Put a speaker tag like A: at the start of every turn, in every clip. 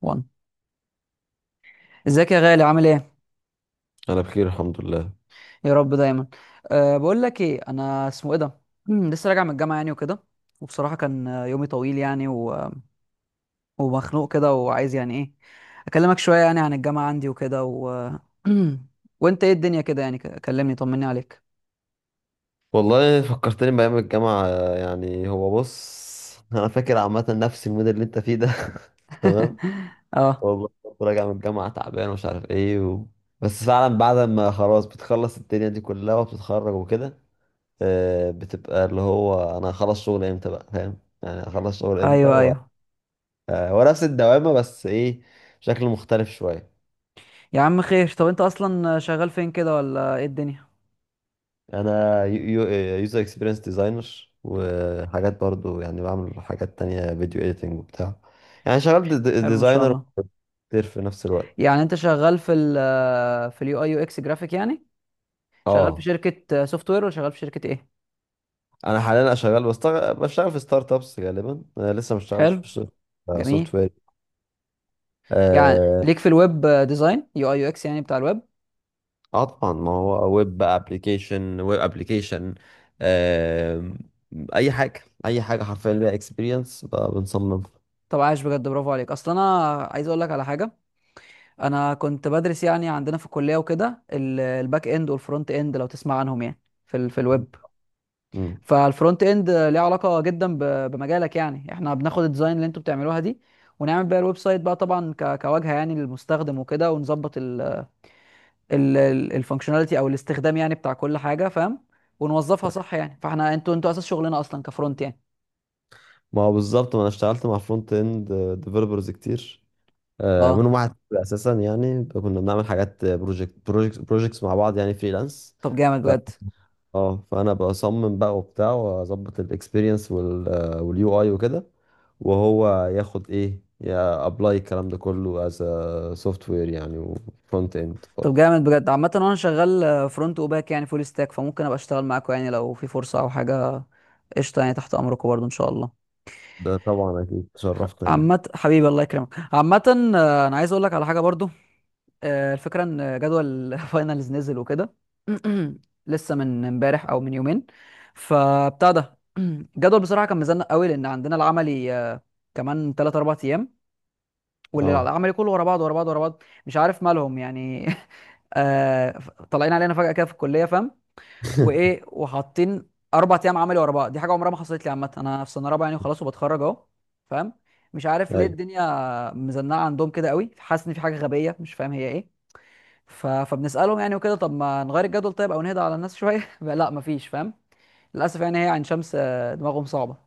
A: وان. ازيك يا غالي؟ عامل ايه؟
B: انا بخير، الحمد لله.
A: يا رب دايما. أه، بقول لك ايه، انا اسمه ايه ده، لسه راجع من الجامعه يعني وكده. وبصراحه كان يومي طويل يعني ومخنوق كده، وعايز يعني ايه، اكلمك شويه يعني عن الجامعه عندي وكده، وانت ايه الدنيا كده يعني، كلمني طمني عليك.
B: والله فكرتني بايام الجامعه. يعني هو بص، انا فاكر عامه نفس المود اللي انت فيه ده. تمام.
A: اه،
B: والله كنت راجع من الجامعه تعبان ومش عارف ايه و... بس فعلا بعد ما خلاص بتخلص الدنيا دي كلها وبتتخرج وكده، بتبقى اللي هو انا هخلص شغل امتى بقى فاهم، يعني هخلص شغل امتى
A: ايوه،
B: و...
A: ايوه.
B: هو نفس الدوامه، بس ايه، بشكل مختلف شويه.
A: يا عم خير. طب انت اصلا شغال فين كده، ولا ايه الدنيا؟
B: انا يوزر اكسبيرينس ديزاينر، وحاجات برضو، يعني بعمل حاجات تانية، فيديو اديتنج وبتاع. يعني شغال
A: حلو، ما شاء
B: ديزاينر
A: الله.
B: كتير في نفس الوقت.
A: يعني انت شغال في في اليو اي يو اكس جرافيك يعني، شغال في
B: اه.
A: شركه سوفت وير، ولا شغال في شركه ايه؟
B: انا حاليا شغال، بشتغل في ستارت ابس غالبا، أنا لسه ما اشتغلتش
A: حلو،
B: في
A: جميل.
B: سوفت وير.
A: يعني
B: اه.
A: ليك في الويب ديزاين، يو اي يو اكس يعني، بتاع الويب.
B: طبعا، ما هو ويب بقى، ابلكيشن، ويب ابلكيشن. اي حاجه حرفيا ليها اكسبيرينس.
A: طب عايش بجد، برافو عليك. اصل انا عايز اقول لك على حاجه. انا كنت بدرس يعني عندنا في الكليه وكده، الباك اند والفرونت اند لو تسمع عنهم يعني، في في الويب.
B: بنصمم.
A: فالفرونت اند ليه علاقه جدا بمجالك يعني، احنا بناخد الديزاين اللي انتوا بتعملوها دي، ونعمل بيها الويب سايت بقى، طبعا كواجهه يعني للمستخدم وكده، ونظبط الفانكشناليتي او الاستخدام يعني بتاع كل حاجه، فاهم؟ ونوظفها صح يعني. فاحنا انتوا اساس شغلنا اصلا كفرونت يعني.
B: ما هو بالظبط، ما انا اشتغلت مع فرونت اند ديفلوبرز كتير.
A: اه،
B: منهم واحد اساسا، يعني كنا بنعمل حاجات، بروجكتس مع بعض، يعني فريلانس.
A: طب جامد
B: ف
A: بجد
B: اه فانا بصمم بقى وبتاع، واظبط الاكسبيرينس واليو اي وكده، وهو ياخد، ايه، يا ابلاي الكلام ده كله سوفت وير يعني، وفرونت اند
A: طب
B: برضه.
A: جامد بجد عامة، وانا شغال فرونت وباك يعني فول ستاك، فممكن ابقى اشتغل معاكم يعني لو في فرصة او حاجة. قشطة يعني، تحت امركم برضو ان شاء الله.
B: ده طبعا اكيد تشرفنا يعني.
A: عامة حبيبي الله يكرمك. عامة انا عايز اقول لك على حاجة برضو. الفكرة ان جدول فاينلز نزل وكده. لسه من امبارح او من يومين. فبتاع ده، الجدول بصراحة كان مزنق قوي، لان عندنا العملي كمان 3 4 ايام.
B: اه.
A: والعملي كله ورا بعض ورا بعض ورا بعض، مش عارف مالهم يعني. آه، طالعين علينا فجأة كده في الكلية، فاهم؟ وايه؟ وحاطين اربع ايام عملي ورا بعض، دي حاجه عمرها ما حصلت لي، عامه انا في سنه رابعه يعني وخلاص وبتخرج اهو. فاهم؟ مش عارف ليه
B: ايوه.
A: الدنيا مزنقه عندهم كده قوي، حاسس ان في حاجه غبيه مش فاهم هي ايه. فبنسالهم يعني وكده: طب ما نغير الجدول طيب، او نهدى على الناس شويه؟ لا مفيش، فاهم؟ للاسف يعني، هي عين شمس، دماغهم صعبه.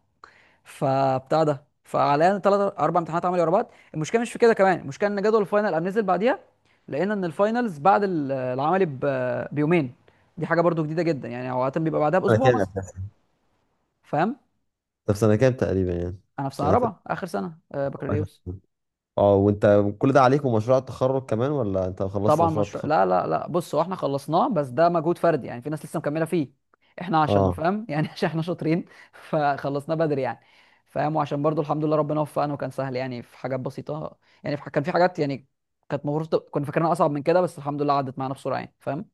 A: فبتاع ده، فعلينا ثلاث اربع امتحانات عملي ورا بعض، المشكله مش في كده كمان، المشكله ان جدول الفاينل قام نزل بعديها. لقينا ان الفاينلز بعد العملي بيومين. دي حاجه برضو جديده جدا يعني، عاده بيبقى بعدها
B: انا
A: باسبوع
B: كام
A: مثلا.
B: أساساً؟
A: فاهم؟
B: طب سنه كام تقريبا يعني؟
A: انا في سنه رابعه، اخر سنه
B: يعني.
A: بكالوريوس.
B: اه. وانت كل ده عليك، ومشروع التخرج كمان، ولا انت خلصت
A: طبعا
B: مشروع
A: مشروع
B: التخرج؟
A: لا لا لا، بص هو احنا خلصناه، بس ده مجهود فردي يعني، في ناس لسه مكمله فيه. احنا عشان
B: اه.
A: فاهم يعني عشان احنا شاطرين، فخلصناه بدري يعني. فاهم؟ وعشان برضو الحمد لله ربنا وفقنا، وكان سهل يعني في حاجات بسيطه. يعني كان في حاجات يعني، كانت المفروض كنا فاكرينها اصعب من كده، بس الحمد لله عدت معانا بسرعه يعني، فاهم؟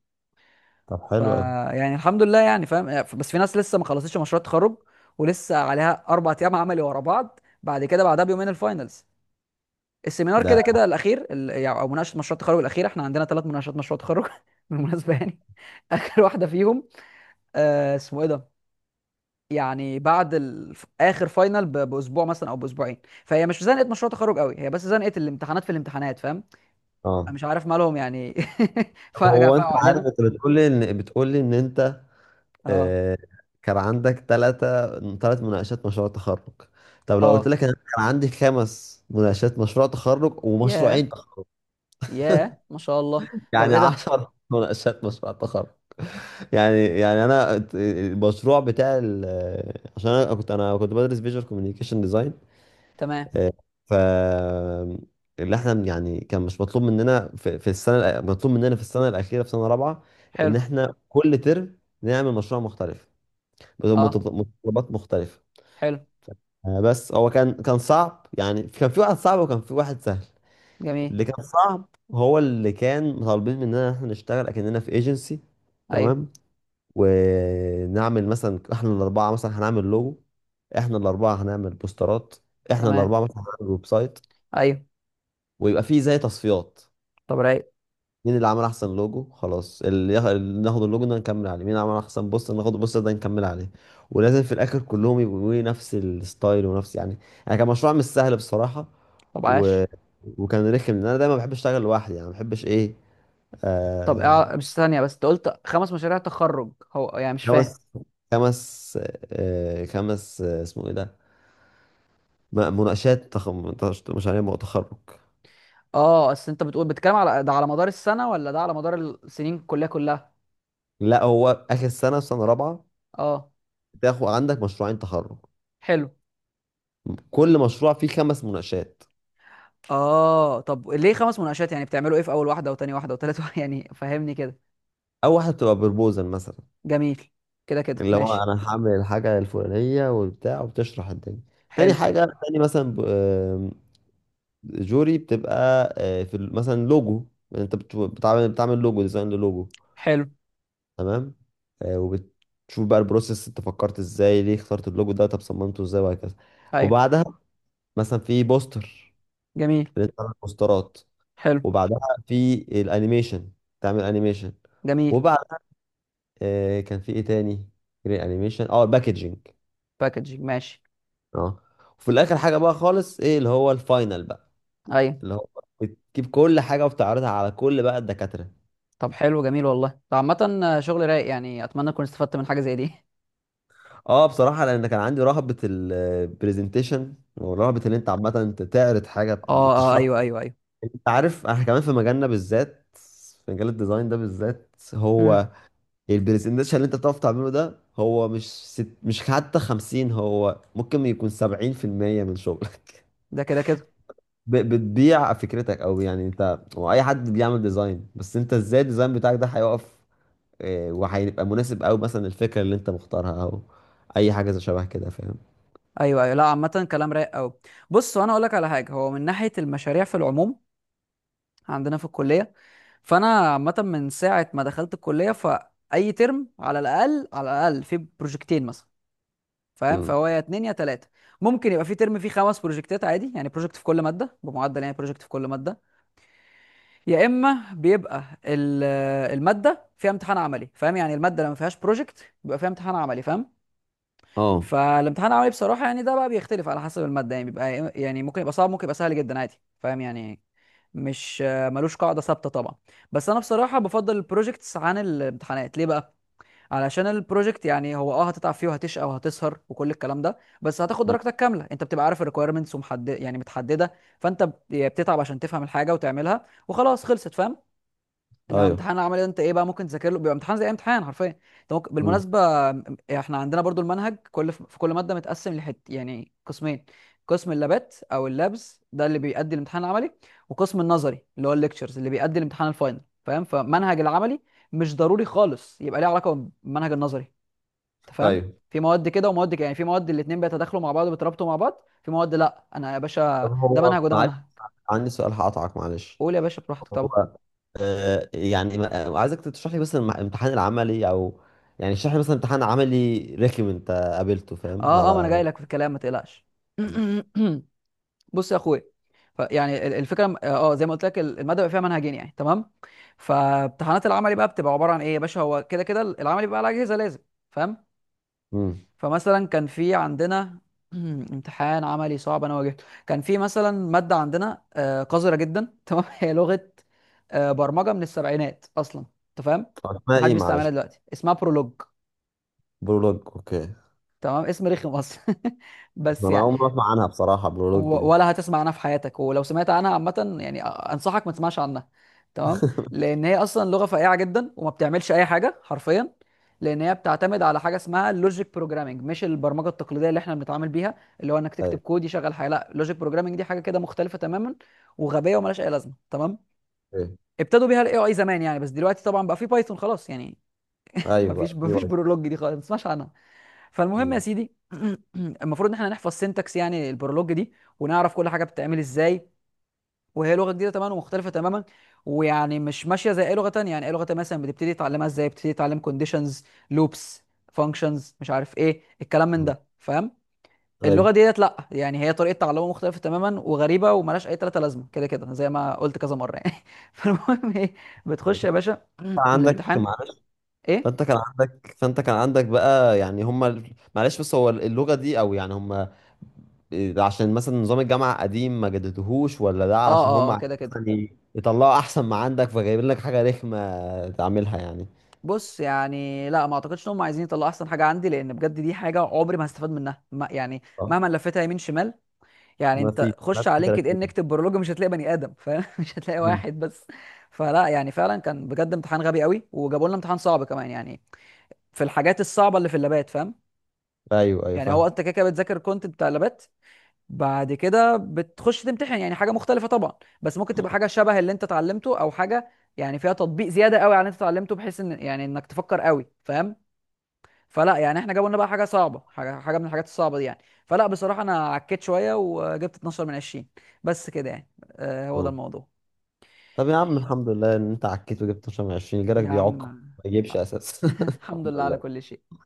B: طب
A: ف
B: حلو قوي.
A: يعني الحمد لله يعني، فاهم؟ بس في ناس لسه ما خلصتش مشروع التخرج، ولسه عليها اربع ايام عملي ورا بعض، بعد كده بعدها بيومين الفاينلز. السيمينار كده
B: ده
A: كده الاخير، يعني او مناقشه مشروع التخرج الاخيره. احنا عندنا ثلاث مناقشات مشروع تخرج بالمناسبه يعني. اخر واحده فيهم، اسمه ايه ده، يعني بعد اخر فاينل باسبوع مثلا او باسبوعين. فهي مش زنقه مشروع تخرج قوي، هي بس زنقه الامتحانات، في الامتحانات فاهم؟ أنا
B: اه.
A: مش عارف مالهم يعني.
B: طب
A: فجاه
B: هو انت
A: فقعوا
B: عارف،
A: علينا.
B: انت بتقول لي ان انت
A: اه،
B: آه كان عندك ثلاث مناقشات مشروع تخرج. طب لو قلت
A: اه،
B: لك انا كان عندي خمس مناقشات مشروع تخرج، ومشروعين
A: ياه،
B: تخرج،
A: ياه، ما شاء الله. طب
B: يعني
A: ايه ده؟
B: عشر مناقشات مشروع تخرج. يعني يعني انا المشروع بتاع عشان انا كنت بدرس فيجوال كوميونيكيشن ديزاين.
A: تمام.
B: آه، ف اللي احنا يعني، كان مش مطلوب مننا في السنه مطلوب مننا في السنه الاخيره، في سنه رابعه، ان
A: حلو.
B: احنا كل ترم نعمل مشروع مختلف،
A: اه،
B: متطلبات مختلفه.
A: حلو.
B: بس هو كان صعب، يعني كان في واحد صعب، وكان في واحد سهل.
A: جميل.
B: اللي كان صعب، هو اللي كان طالبين مننا ان احنا نشتغل اكننا في ايجنسي،
A: ايوه.
B: تمام، ونعمل مثلا، احنا الاربعه مثلا هنعمل لوجو، احنا الاربعه هنعمل بوسترات، احنا
A: تمام.
B: الاربعه مثلا هنعمل ويب سايت،
A: ايوه.
B: ويبقى فيه زي تصفيات.
A: طب رايق.
B: مين اللي عمل احسن لوجو؟ خلاص، اللي اللي ناخد اللوجو ده نكمل عليه. مين عمل احسن بوستر؟ ناخد البوستر ده نكمل عليه. ولازم في الاخر كلهم يبقوا، إيه، نفس الستايل، ونفس يعني، يعني كان مشروع مش سهل بصراحة.
A: طب
B: و...
A: عاش.
B: وكان رخم، لان انا دايما بحب اشتغل لوحدي، يعني ما بحبش ايه.
A: طب
B: آه...
A: بس ثانية، بس انت قلت خمس مشاريع تخرج، هو يعني مش
B: خمس
A: فاهم.
B: خمس خمس. اسمه ايه ده، مشاريع تخرج.
A: اه، اصل انت بتتكلم على ده، على مدار السنة، ولا ده على مدار السنين كلها كلها؟
B: لا، هو اخر سنة، في سنة رابعة،
A: اه،
B: تاخد عندك مشروعين تخرج.
A: حلو.
B: كل مشروع فيه خمس مناقشات.
A: اه، طب ليه خمس مناقشات؟ يعني بتعملوا ايه في اول واحدة، وتاني واحدة، وتالت واحدة؟ يعني فهمني كده.
B: اول واحده بتبقى بروبوزال مثلا،
A: جميل. كده كده،
B: اللي هو، اه،
A: ماشي.
B: انا هعمل الحاجه الفلانيه وبتاع، وبتشرح الدنيا. تاني
A: حلو.
B: حاجه، تاني مثلا ب- آم، جوري بتبقى، في مثلا لوجو، انت بتعمل لوجو، ديزاين للوجو،
A: حلو.
B: تمام. وبتشوف بقى البروسيس، انت فكرت ازاي، ليه اخترت اللوجو ده، طب صممته ازاي، وهكذا.
A: ايوه.
B: وبعدها مثلا في بوستر،
A: جميل.
B: اللي انت تعمل بوسترات.
A: حلو.
B: وبعدها في الانيميشن، تعمل انيميشن.
A: جميل.
B: وبعد، كان في ايه تاني، جرين انيميشن، اه، باكجينج.
A: باكجينج، ماشي.
B: اه. وفي الاخر حاجه بقى خالص، ايه، اللي هو الفاينل بقى،
A: ايوه.
B: اللي هو بتجيب كل حاجه وبتعرضها على كل بقى الدكاتره.
A: طب حلو، جميل والله. ده عامة شغل رايق يعني، اتمنى اكون استفدت من حاجة زي دي.
B: اه، بصراحه، لان كان عندي رهبه البرزنتيشن، ورهبه ان انت، عامه، انت تعرض حاجه
A: اه، اه،
B: وتشرح.
A: ايوه، ايوه، ايوه،
B: انت عارف، احنا كمان في مجالنا بالذات، في مجال الديزاين ده بالذات،
A: امم
B: هو البرزنتيشن اللي انت بتعرف تعمله ده، هو مش ست، مش حتى 50، هو ممكن يكون 70% من شغلك.
A: ده كده كده.
B: بتبيع فكرتك، او يعني، انت واي حد بيعمل ديزاين، بس انت ازاي الديزاين بتاعك ده هيقف. وهيبقى مناسب قوي مثلا، الفكره اللي انت مختارها، او اي حاجه زي شبه كده، فاهم.
A: ايوه، ايوه، لا، عامه كلام رايق قوي. بص وانا اقول لك على حاجه، هو من ناحيه المشاريع في العموم عندنا في الكليه، فانا عامه من ساعه ما دخلت الكليه، فاي ترم على الاقل على الاقل في بروجكتين مثلا، فاهم؟
B: امم
A: فهو يا اتنين يا تلاته، ممكن يبقى في ترم فيه خمس بروجكتات عادي يعني، بروجكت في كل ماده بمعدل يعني، بروجكت في كل ماده. يا اما بيبقى الماده فيها امتحان عملي، فاهم؟ يعني الماده لما فيهاش بروجكت بيبقى فيها امتحان عملي، فاهم؟
B: اه.
A: فالامتحان العملي بصراحه يعني، ده بقى بيختلف على حسب الماده يعني، بيبقى إيه، يعني ممكن يبقى صعب، ممكن يبقى سهل جدا عادي، فاهم يعني؟ مش ملوش قاعده ثابته طبعا. بس انا بصراحه بفضل البروجكتس عن الامتحانات. ليه بقى؟ علشان البروجكت يعني، هو هتتعب فيه وهتشقى وهتسهر وكل الكلام ده، بس هتاخد
B: مم.
A: درجتك كامله. انت بتبقى عارف الريكويرمنتس ومحدد يعني متحدده. فانت بتتعب عشان تفهم الحاجه وتعملها وخلاص خلصت، فاهم؟ انما
B: ايوه.
A: امتحان العملي ده انت ايه بقى؟ ممكن تذاكر له، بيبقى امتحان زي أي امتحان حرفيا. انت ممكن
B: امم
A: بالمناسبه، احنا عندنا برضو المنهج، كل في كل ماده متقسم لحت يعني قسمين. قسم اللابات او اللابز ده اللي بيأدي الامتحان العملي، وقسم النظري اللي هو الليكتشرز اللي بيأدي الامتحان الفاينل، فاهم؟ فمنهج العملي مش ضروري خالص يبقى ليه علاقه بالمنهج النظري. انت فاهم؟
B: ايوه.
A: في مواد كده ومواد كده يعني، في مواد الاتنين بيتداخلوا مع بعض وبيترابطوا مع بعض، في مواد لا، انا يا
B: طب
A: باشا ده منهج
B: هو،
A: وده
B: معلش،
A: منهج.
B: عندي سؤال هقطعك معلش.
A: قول يا باشا براحتك طبعا.
B: هو يعني عايزك تشرح لي مثلا امتحان العملي، او يعني، اشرح لي مثلا امتحان عملي رخم انت قابلته، فاهم
A: اه، اه، ما انا
B: على.
A: جاي لك في الكلام ما تقلقش. بص يا اخويا، يعني الفكره زي ما قلت لك، الماده بيبقى فيها منهجين يعني، تمام. فامتحانات العملي بقى بتبقى عباره عن ايه يا باشا. هو كده كده العملي بيبقى على اجهزه لازم. فاهم؟
B: امم.
A: فمثلا كان في عندنا امتحان عملي صعب انا واجهته، كان في مثلا ماده عندنا قذره جدا تمام، هي لغه برمجه من السبعينات اصلا، انت فاهم؟
B: اسمها
A: محدش
B: ايه
A: بيستعملها
B: معلش؟
A: دلوقتي، اسمها برولوج.
B: برولوج، اوكي.
A: تمام، اسم رخم اصلا.
B: ده
A: بس
B: انا
A: يعني،
B: اول مره اسمع عنها بصراحه، بلولوج دي.
A: ولا هتسمع عنها في حياتك، ولو سمعت عنها عامة يعني أنصحك ما تسمعش عنها. تمام. لأن هي أصلا لغة فقيعة جدا وما بتعملش أي حاجة حرفيا. لأن هي بتعتمد على حاجة اسمها اللوجيك بروجرامنج، مش البرمجة التقليدية اللي احنا بنتعامل بيها، اللي هو إنك تكتب
B: ايوه،
A: كود يشغل حاجة. لا، اللوجيك بروجرامنج دي حاجة كده مختلفة تماما، وغبية وملهاش أي لازمة. تمام.
B: ايوه،
A: ابتدوا بيها الاي اي زمان يعني، بس دلوقتي طبعا بقى في بايثون خلاص يعني.
B: ايوه.
A: مفيش
B: بقى في
A: مفيش
B: واحد.
A: برولوج دي خالص، ما تسمعش عنها. فالمهم يا
B: مم.
A: سيدي، المفروض ان احنا نحفظ سينتاكس يعني البرولوج دي، ونعرف كل حاجه بتتعمل ازاي. وهي لغه جديده تماما ومختلفه تماما. ويعني مش ماشيه زي اي لغه تانية. يعني اي لغه تانية مثلا بتبتدي تتعلمها ازاي؟ بتبتدي تتعلم كونديشنز، لوبس، فانكشنز، مش عارف ايه الكلام من
B: مم.
A: ده، فاهم؟ اللغه
B: ايوه.
A: ديت لا، يعني هي طريقه تعلمها مختلفه تماما وغريبه وملهاش اي تلاته لازمه، كده كده زي ما قلت كذا مره يعني. فالمهم ايه، بتخش
B: فانت
A: يا باشا
B: عندك،
A: الامتحان.
B: معلش،
A: ايه،
B: فانت كان عندك بقى، يعني هم، معلش، بس هو اللغه دي، او يعني هم، إيه، عشان مثلا نظام الجامعه قديم ما جددوهوش، ولا ده
A: اه،
B: عشان
A: اه،
B: هم
A: اه،
B: عايزين
A: كده كده.
B: مثلا يطلعوا احسن ما عندك، فجايبين لك حاجه رخمه تعملها يعني.
A: بص يعني لا، ما اعتقدش ان هم عايزين يطلعوا احسن حاجه عندي، لان بجد دي حاجه عمري ما هستفاد منها، ما يعني
B: اه.
A: مهما لفتها يمين شمال. يعني
B: ما في
A: انت خش
B: ماشي
A: على لينكد
B: 30.
A: ان، اكتب برولوج، مش هتلاقي بني ادم، فاهم؟ مش هتلاقي واحد بس. فلا يعني فعلا كان بجد امتحان غبي قوي، وجابوا لنا امتحان صعب كمان يعني، في الحاجات الصعبه اللي في اللابات، فاهم؟
B: ايوه، ايوه،
A: يعني هو
B: فاهم.
A: انت كده كده بتذاكر الكونتنت بتاع اللابات، بعد كده بتخش تمتحن يعني حاجه مختلفه طبعا، بس ممكن تبقى حاجه شبه اللي انت اتعلمته، او حاجه يعني فيها تطبيق زياده قوي على اللي انت اتعلمته، بحيث ان يعني انك تفكر قوي، فاهم؟ فلا يعني احنا جابوا لنا بقى حاجه صعبه، حاجه من الحاجات الصعبه دي يعني. فلا بصراحه انا عكيت شويه وجبت 12 من 20. بس كده يعني. هو ده الموضوع.
B: طب يا عم الحمد لله ان انت عكيت وجبت 12 من 20، جالك
A: يا عم،
B: بيعك ما يجيبش اساس.
A: الحمد
B: الحمد
A: لله على
B: لله.
A: كل شيء.